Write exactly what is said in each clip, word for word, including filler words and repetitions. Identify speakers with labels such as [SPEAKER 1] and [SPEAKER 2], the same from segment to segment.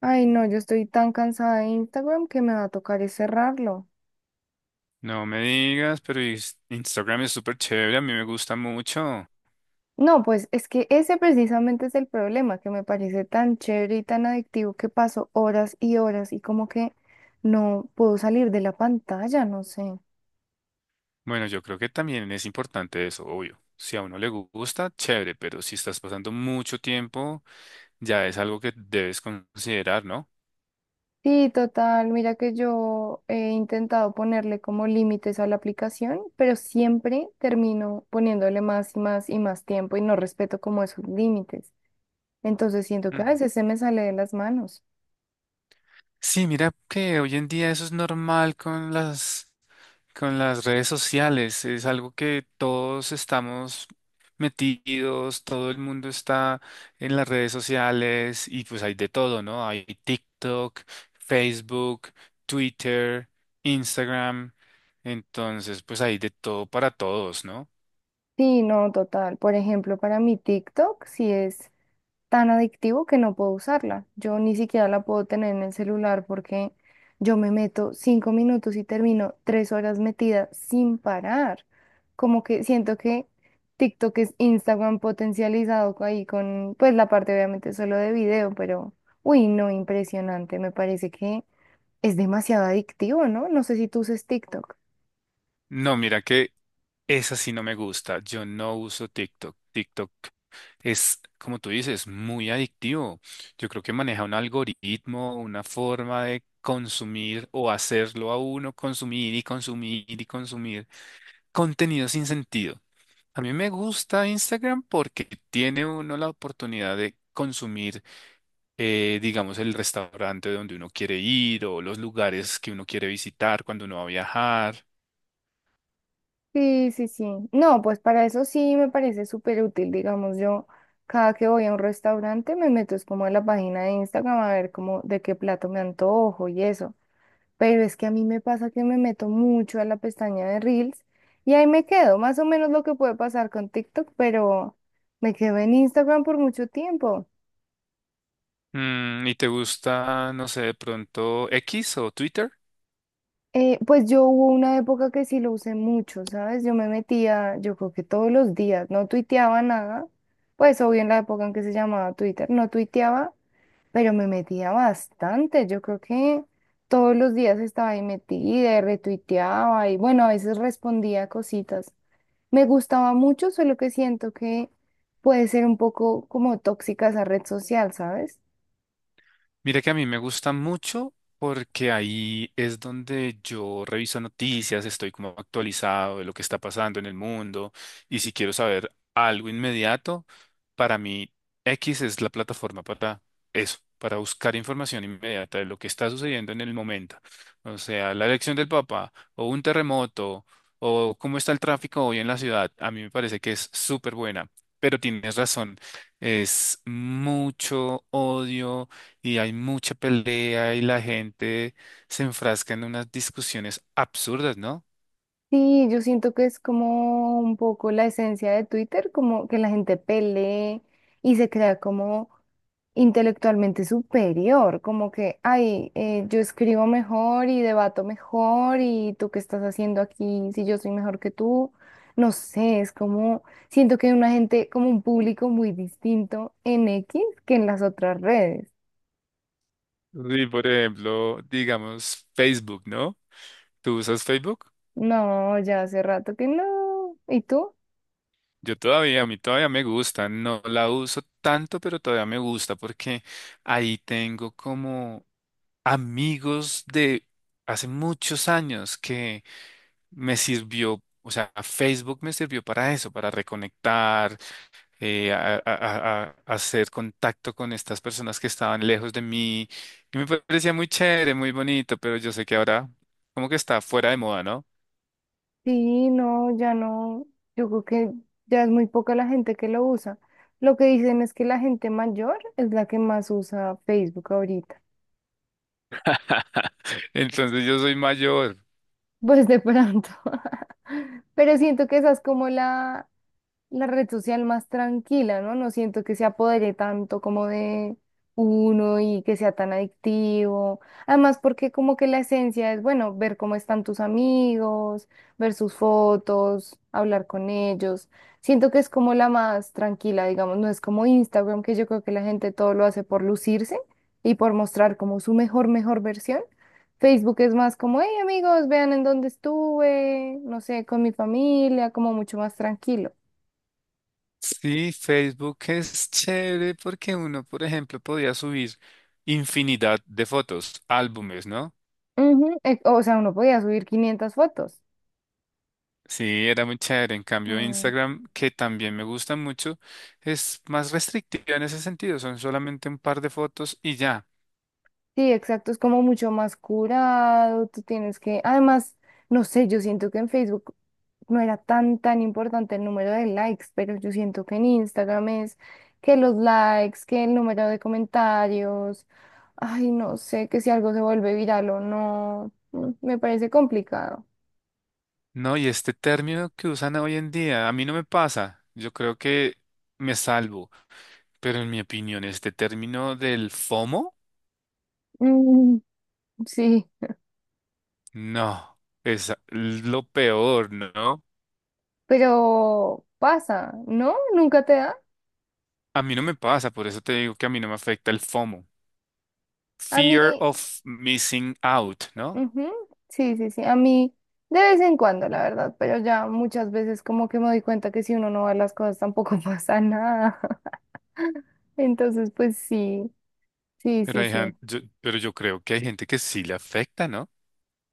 [SPEAKER 1] Ay, no, yo estoy tan cansada de Instagram que me va a tocar es cerrarlo.
[SPEAKER 2] No me digas, pero is- Instagram es súper chévere, a mí me gusta mucho.
[SPEAKER 1] No, pues es que ese precisamente es el problema, que me parece tan chévere y tan adictivo que paso horas y horas y como que no puedo salir de la pantalla, no sé.
[SPEAKER 2] Bueno, yo creo que también es importante eso, obvio. Si a uno le gu- gusta, chévere, pero si estás pasando mucho tiempo, ya es algo que debes considerar, ¿no?
[SPEAKER 1] Sí, total, mira que yo he intentado ponerle como límites a la aplicación, pero siempre termino poniéndole más y más y más tiempo y no respeto como esos límites. Entonces siento que
[SPEAKER 2] Mm.
[SPEAKER 1] a veces se me sale de las manos.
[SPEAKER 2] Sí, mira que hoy en día eso es normal con las. Con las redes sociales es algo que todos estamos metidos, todo el mundo está en las redes sociales y pues hay de todo, ¿no? Hay TikTok, Facebook, Twitter, Instagram, entonces pues hay de todo para todos, ¿no?
[SPEAKER 1] Sí, no, total. Por ejemplo, para mi TikTok sí es tan adictivo que no puedo usarla. Yo ni siquiera la puedo tener en el celular porque yo me meto cinco minutos y termino tres horas metida sin parar. Como que siento que TikTok es Instagram potencializado co- ahí con, pues la parte obviamente solo de video, pero, uy, no, impresionante. Me parece que es demasiado adictivo, ¿no? No sé si tú uses TikTok.
[SPEAKER 2] No, mira que esa sí no me gusta, yo no uso TikTok. TikTok es, como tú dices, muy adictivo. Yo creo que maneja un algoritmo, una forma de consumir o hacerlo a uno consumir y consumir y consumir contenido sin sentido. A mí me gusta Instagram porque tiene uno la oportunidad de consumir, eh, digamos, el restaurante donde uno quiere ir o los lugares que uno quiere visitar cuando uno va a viajar.
[SPEAKER 1] Sí, sí, sí. No, pues para eso sí me parece súper útil. Digamos, yo cada que voy a un restaurante me meto es como a la página de Instagram a ver como de qué plato me antojo y eso. Pero es que a mí me pasa que me meto mucho a la pestaña de Reels y ahí me quedo, más o menos lo que puede pasar con TikTok, pero me quedo en Instagram por mucho tiempo.
[SPEAKER 2] Mm, ¿y te gusta, no sé, de pronto X o Twitter?
[SPEAKER 1] Eh, pues yo hubo una época que sí lo usé mucho, ¿sabes? Yo me metía, yo creo que todos los días, no tuiteaba nada, pues obvio en la época en que se llamaba Twitter, no tuiteaba, pero me metía bastante, yo creo que todos los días estaba ahí metida y retuiteaba y bueno, a veces respondía cositas. Me gustaba mucho, solo que siento que puede ser un poco como tóxica esa red social, ¿sabes?
[SPEAKER 2] Mira que a mí me gusta mucho porque ahí es donde yo reviso noticias, estoy como actualizado de lo que está pasando en el mundo y si quiero saber algo inmediato, para mí X es la plataforma para eso, para buscar información inmediata de lo que está sucediendo en el momento. O sea, la elección del Papa o un terremoto o cómo está el tráfico hoy en la ciudad, a mí me parece que es súper buena, pero tienes razón, es mucho odio y hay mucha pelea y la gente se enfrasca en unas discusiones absurdas, ¿no?
[SPEAKER 1] Sí, yo siento que es como un poco la esencia de Twitter, como que la gente pelee y se crea como intelectualmente superior, como que, ay, eh, yo escribo mejor y debato mejor y tú qué estás haciendo aquí si yo soy mejor que tú. No sé, es como, siento que hay una gente, como un público muy distinto en X que en las otras redes.
[SPEAKER 2] Sí, por ejemplo, digamos Facebook, ¿no? ¿Tú usas Facebook?
[SPEAKER 1] No, ya hace rato que no. ¿Y tú?
[SPEAKER 2] Yo todavía, a mí todavía me gusta, no la uso tanto, pero todavía me gusta porque ahí tengo como amigos de hace muchos años que me sirvió, o sea, Facebook me sirvió para eso, para reconectar, eh, a, a- a- a- hacer contacto con estas personas que estaban lejos de mí. Y me parecía muy chévere, muy bonito, pero yo sé que ahora como que está fuera de moda, ¿no?
[SPEAKER 1] Sí, no, ya no, yo creo que ya es muy poca la gente que lo usa. Lo que dicen es que la gente mayor es la que más usa Facebook ahorita.
[SPEAKER 2] Entonces yo soy mayor.
[SPEAKER 1] Pues de pronto. Pero siento que esa es como la, la red social más tranquila, ¿no? No siento que se apodere tanto como de uno y que sea tan adictivo. Además, porque como que la esencia es, bueno, ver cómo están tus amigos, ver sus fotos, hablar con ellos. Siento que es como la más tranquila, digamos, no es como Instagram, que yo creo que la gente todo lo hace por lucirse y por mostrar como su mejor, mejor versión. Facebook es más como, hey amigos, vean en dónde estuve, no sé, con mi familia, como mucho más tranquilo.
[SPEAKER 2] Sí, Facebook es chévere porque uno, por ejemplo, podía subir infinidad de fotos, álbumes, ¿no?
[SPEAKER 1] Ujú, e- o sea, uno podía subir quinientas fotos.
[SPEAKER 2] Sí, era muy chévere. En cambio,
[SPEAKER 1] Mm.
[SPEAKER 2] Instagram, que también me gusta mucho, es más restrictiva en ese sentido. Son solamente un par de fotos y ya.
[SPEAKER 1] Sí, exacto, es como mucho más curado, tú tienes que, además, no sé, yo siento que en Facebook no era tan, tan importante el número de likes, pero yo siento que en Instagram es que los likes, que el número de comentarios, ay, no sé, que si algo se vuelve viral o no, mm, me parece complicado.
[SPEAKER 2] No, y este término que usan hoy en día, a mí no me pasa. Yo creo que me salvo, pero en mi opinión, este término del FOMO,
[SPEAKER 1] Mm, sí,
[SPEAKER 2] no, es lo peor, ¿no?
[SPEAKER 1] pero pasa, ¿no? ¿Nunca te da?
[SPEAKER 2] A mí no me pasa, por eso te digo que a mí no me afecta el FOMO.
[SPEAKER 1] A mí,
[SPEAKER 2] Fear of missing out, ¿no?
[SPEAKER 1] ujú, sí, sí, sí. A mí de vez en cuando, la verdad, pero ya muchas veces como que me doy cuenta que si uno no va a las cosas tampoco pasa nada. Entonces, pues sí, sí,
[SPEAKER 2] Pero
[SPEAKER 1] sí,
[SPEAKER 2] hay,
[SPEAKER 1] sí.
[SPEAKER 2] gen- yo, pero yo creo que hay gente que sí le afecta, ¿no?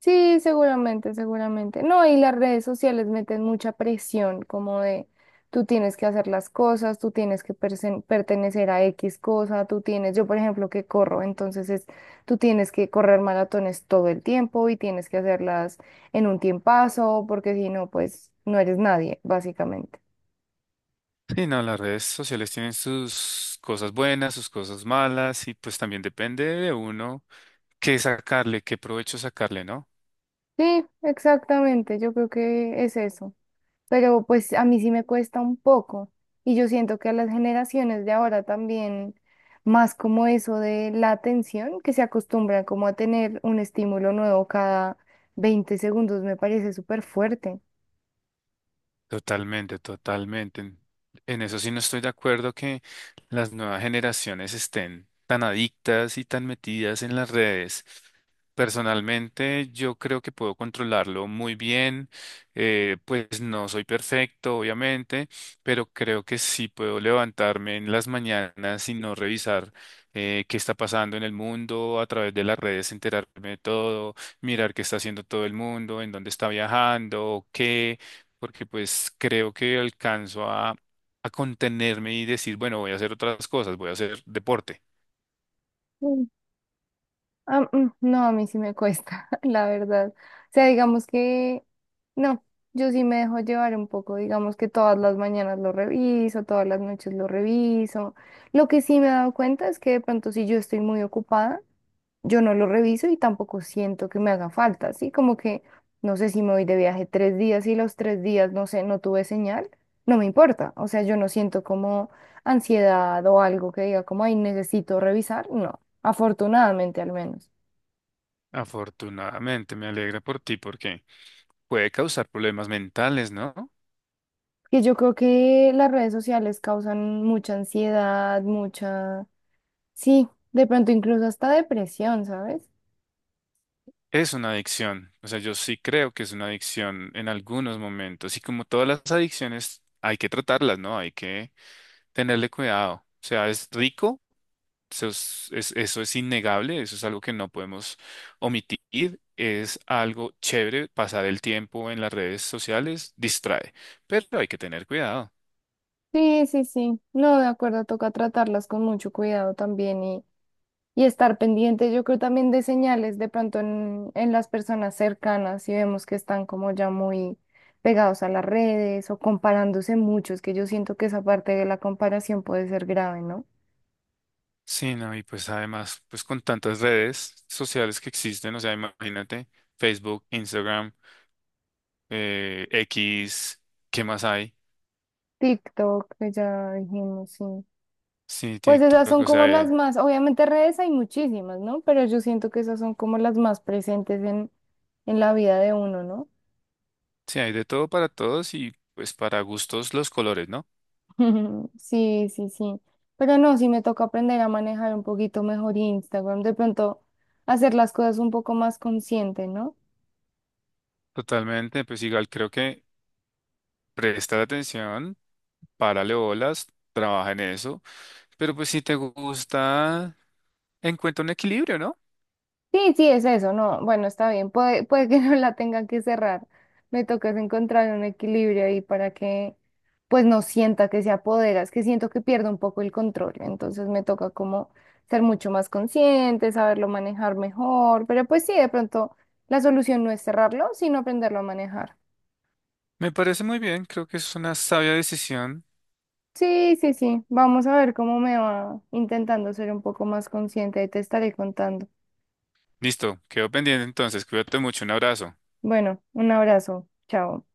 [SPEAKER 1] Sí, seguramente, seguramente. No, y las redes sociales meten mucha presión, como de tú tienes que hacer las cosas, tú tienes que persen- pertenecer a X cosa, tú tienes, yo por ejemplo que corro, entonces es, tú tienes que correr maratones todo el tiempo y tienes que hacerlas en un tiempazo, porque si no, pues no eres nadie, básicamente.
[SPEAKER 2] Sí, no, las redes sociales tienen sus cosas buenas, sus cosas malas, y pues también depende de uno qué sacarle, qué provecho sacarle, ¿no?
[SPEAKER 1] Sí, exactamente, yo creo que es eso. Pero pues a mí sí me cuesta un poco y yo siento que a las generaciones de ahora también más como eso de la atención que se acostumbra como a tener un estímulo nuevo cada veinte segundos me parece súper fuerte.
[SPEAKER 2] Totalmente, totalmente. En en eso sí no estoy de acuerdo que las nuevas generaciones estén tan adictas y tan metidas en las redes. Personalmente, yo creo que puedo controlarlo muy bien. eh, pues no soy perfecto, obviamente, pero creo que sí puedo levantarme en las mañanas y no revisar eh, qué está pasando en el mundo a través de las redes, enterarme de todo, mirar qué está haciendo todo el mundo, en dónde está viajando, qué porque pues creo que alcanzo a, a contenerme y decir, bueno, voy a hacer otras cosas, voy a hacer deporte.
[SPEAKER 1] Mm. Ah, mm, no, a mí sí me cuesta, la verdad. O sea, digamos que no, yo sí me dejo llevar un poco, digamos que todas las mañanas lo reviso, todas las noches lo reviso. Lo que sí me he dado cuenta es que de pronto si yo estoy muy ocupada, yo no lo reviso y tampoco siento que me haga falta, así como que no sé si me voy de viaje tres días y los tres días, no sé, no tuve señal, no me importa, o sea, yo no siento como ansiedad o algo que diga como, ay, necesito revisar, no, afortunadamente al menos.
[SPEAKER 2] Afortunadamente, me alegra por ti porque puede causar problemas mentales, ¿no?
[SPEAKER 1] Que yo creo que las redes sociales causan mucha ansiedad, mucha, sí, de pronto incluso hasta depresión, ¿sabes?
[SPEAKER 2] Es una adicción, o sea, yo sí creo que es una adicción en algunos momentos y como todas las adicciones hay que tratarlas, ¿no? Hay que tenerle cuidado. O sea, es rico. Eso es, es- eso es innegable, eso es algo que no podemos omitir, es algo chévere, pasar el tiempo en las redes sociales distrae, pero hay que tener cuidado.
[SPEAKER 1] Sí, sí, sí. No, de acuerdo, toca tratarlas con mucho cuidado también. Y estar pendiente, yo creo también de señales de pronto en, en las personas cercanas, si vemos que están como ya muy pegados a las redes o comparándose mucho, es que yo siento que esa parte de la comparación puede ser grave, ¿no?
[SPEAKER 2] Sí, no, y pues además, pues con tantas redes sociales que existen, o sea, imagínate, Facebook, Instagram, eh, X, ¿qué más hay?
[SPEAKER 1] TikTok, que ya dijimos, sí.
[SPEAKER 2] Sí,
[SPEAKER 1] Pues esas
[SPEAKER 2] TikTok,
[SPEAKER 1] son
[SPEAKER 2] o sea,
[SPEAKER 1] como las
[SPEAKER 2] hay-
[SPEAKER 1] más, obviamente redes hay muchísimas, ¿no? Pero yo siento que esas son como las más presentes en, en la vida de uno, ¿no?
[SPEAKER 2] sí, hay de todo para todos y pues para gustos los colores, ¿no?
[SPEAKER 1] Sí, sí, sí. Pero no, sí me toca aprender a manejar un poquito mejor Instagram, de pronto hacer las cosas un poco más consciente, ¿no?
[SPEAKER 2] Totalmente, pues igual creo que prestar atención. Párale bolas, trabaja en eso. Pero pues si te gusta, encuentra un equilibrio, ¿no?
[SPEAKER 1] Sí, sí, es eso, no, bueno, está bien, puede, puede que no la tenga que cerrar, me toca es encontrar un equilibrio ahí para que pues no sienta que se apodera, es que siento que pierdo un poco el control, entonces me toca como ser mucho más consciente, saberlo manejar mejor, pero pues sí, de pronto la solución no es cerrarlo, sino aprenderlo a manejar.
[SPEAKER 2] Me parece muy bien, creo que es una sabia decisión.
[SPEAKER 1] Sí, sí, sí. Vamos a ver cómo me va intentando ser un poco más consciente. Y te estaré contando.
[SPEAKER 2] Listo, quedo pendiente entonces, cuídate mucho, un abrazo.
[SPEAKER 1] Bueno, un abrazo. Chao.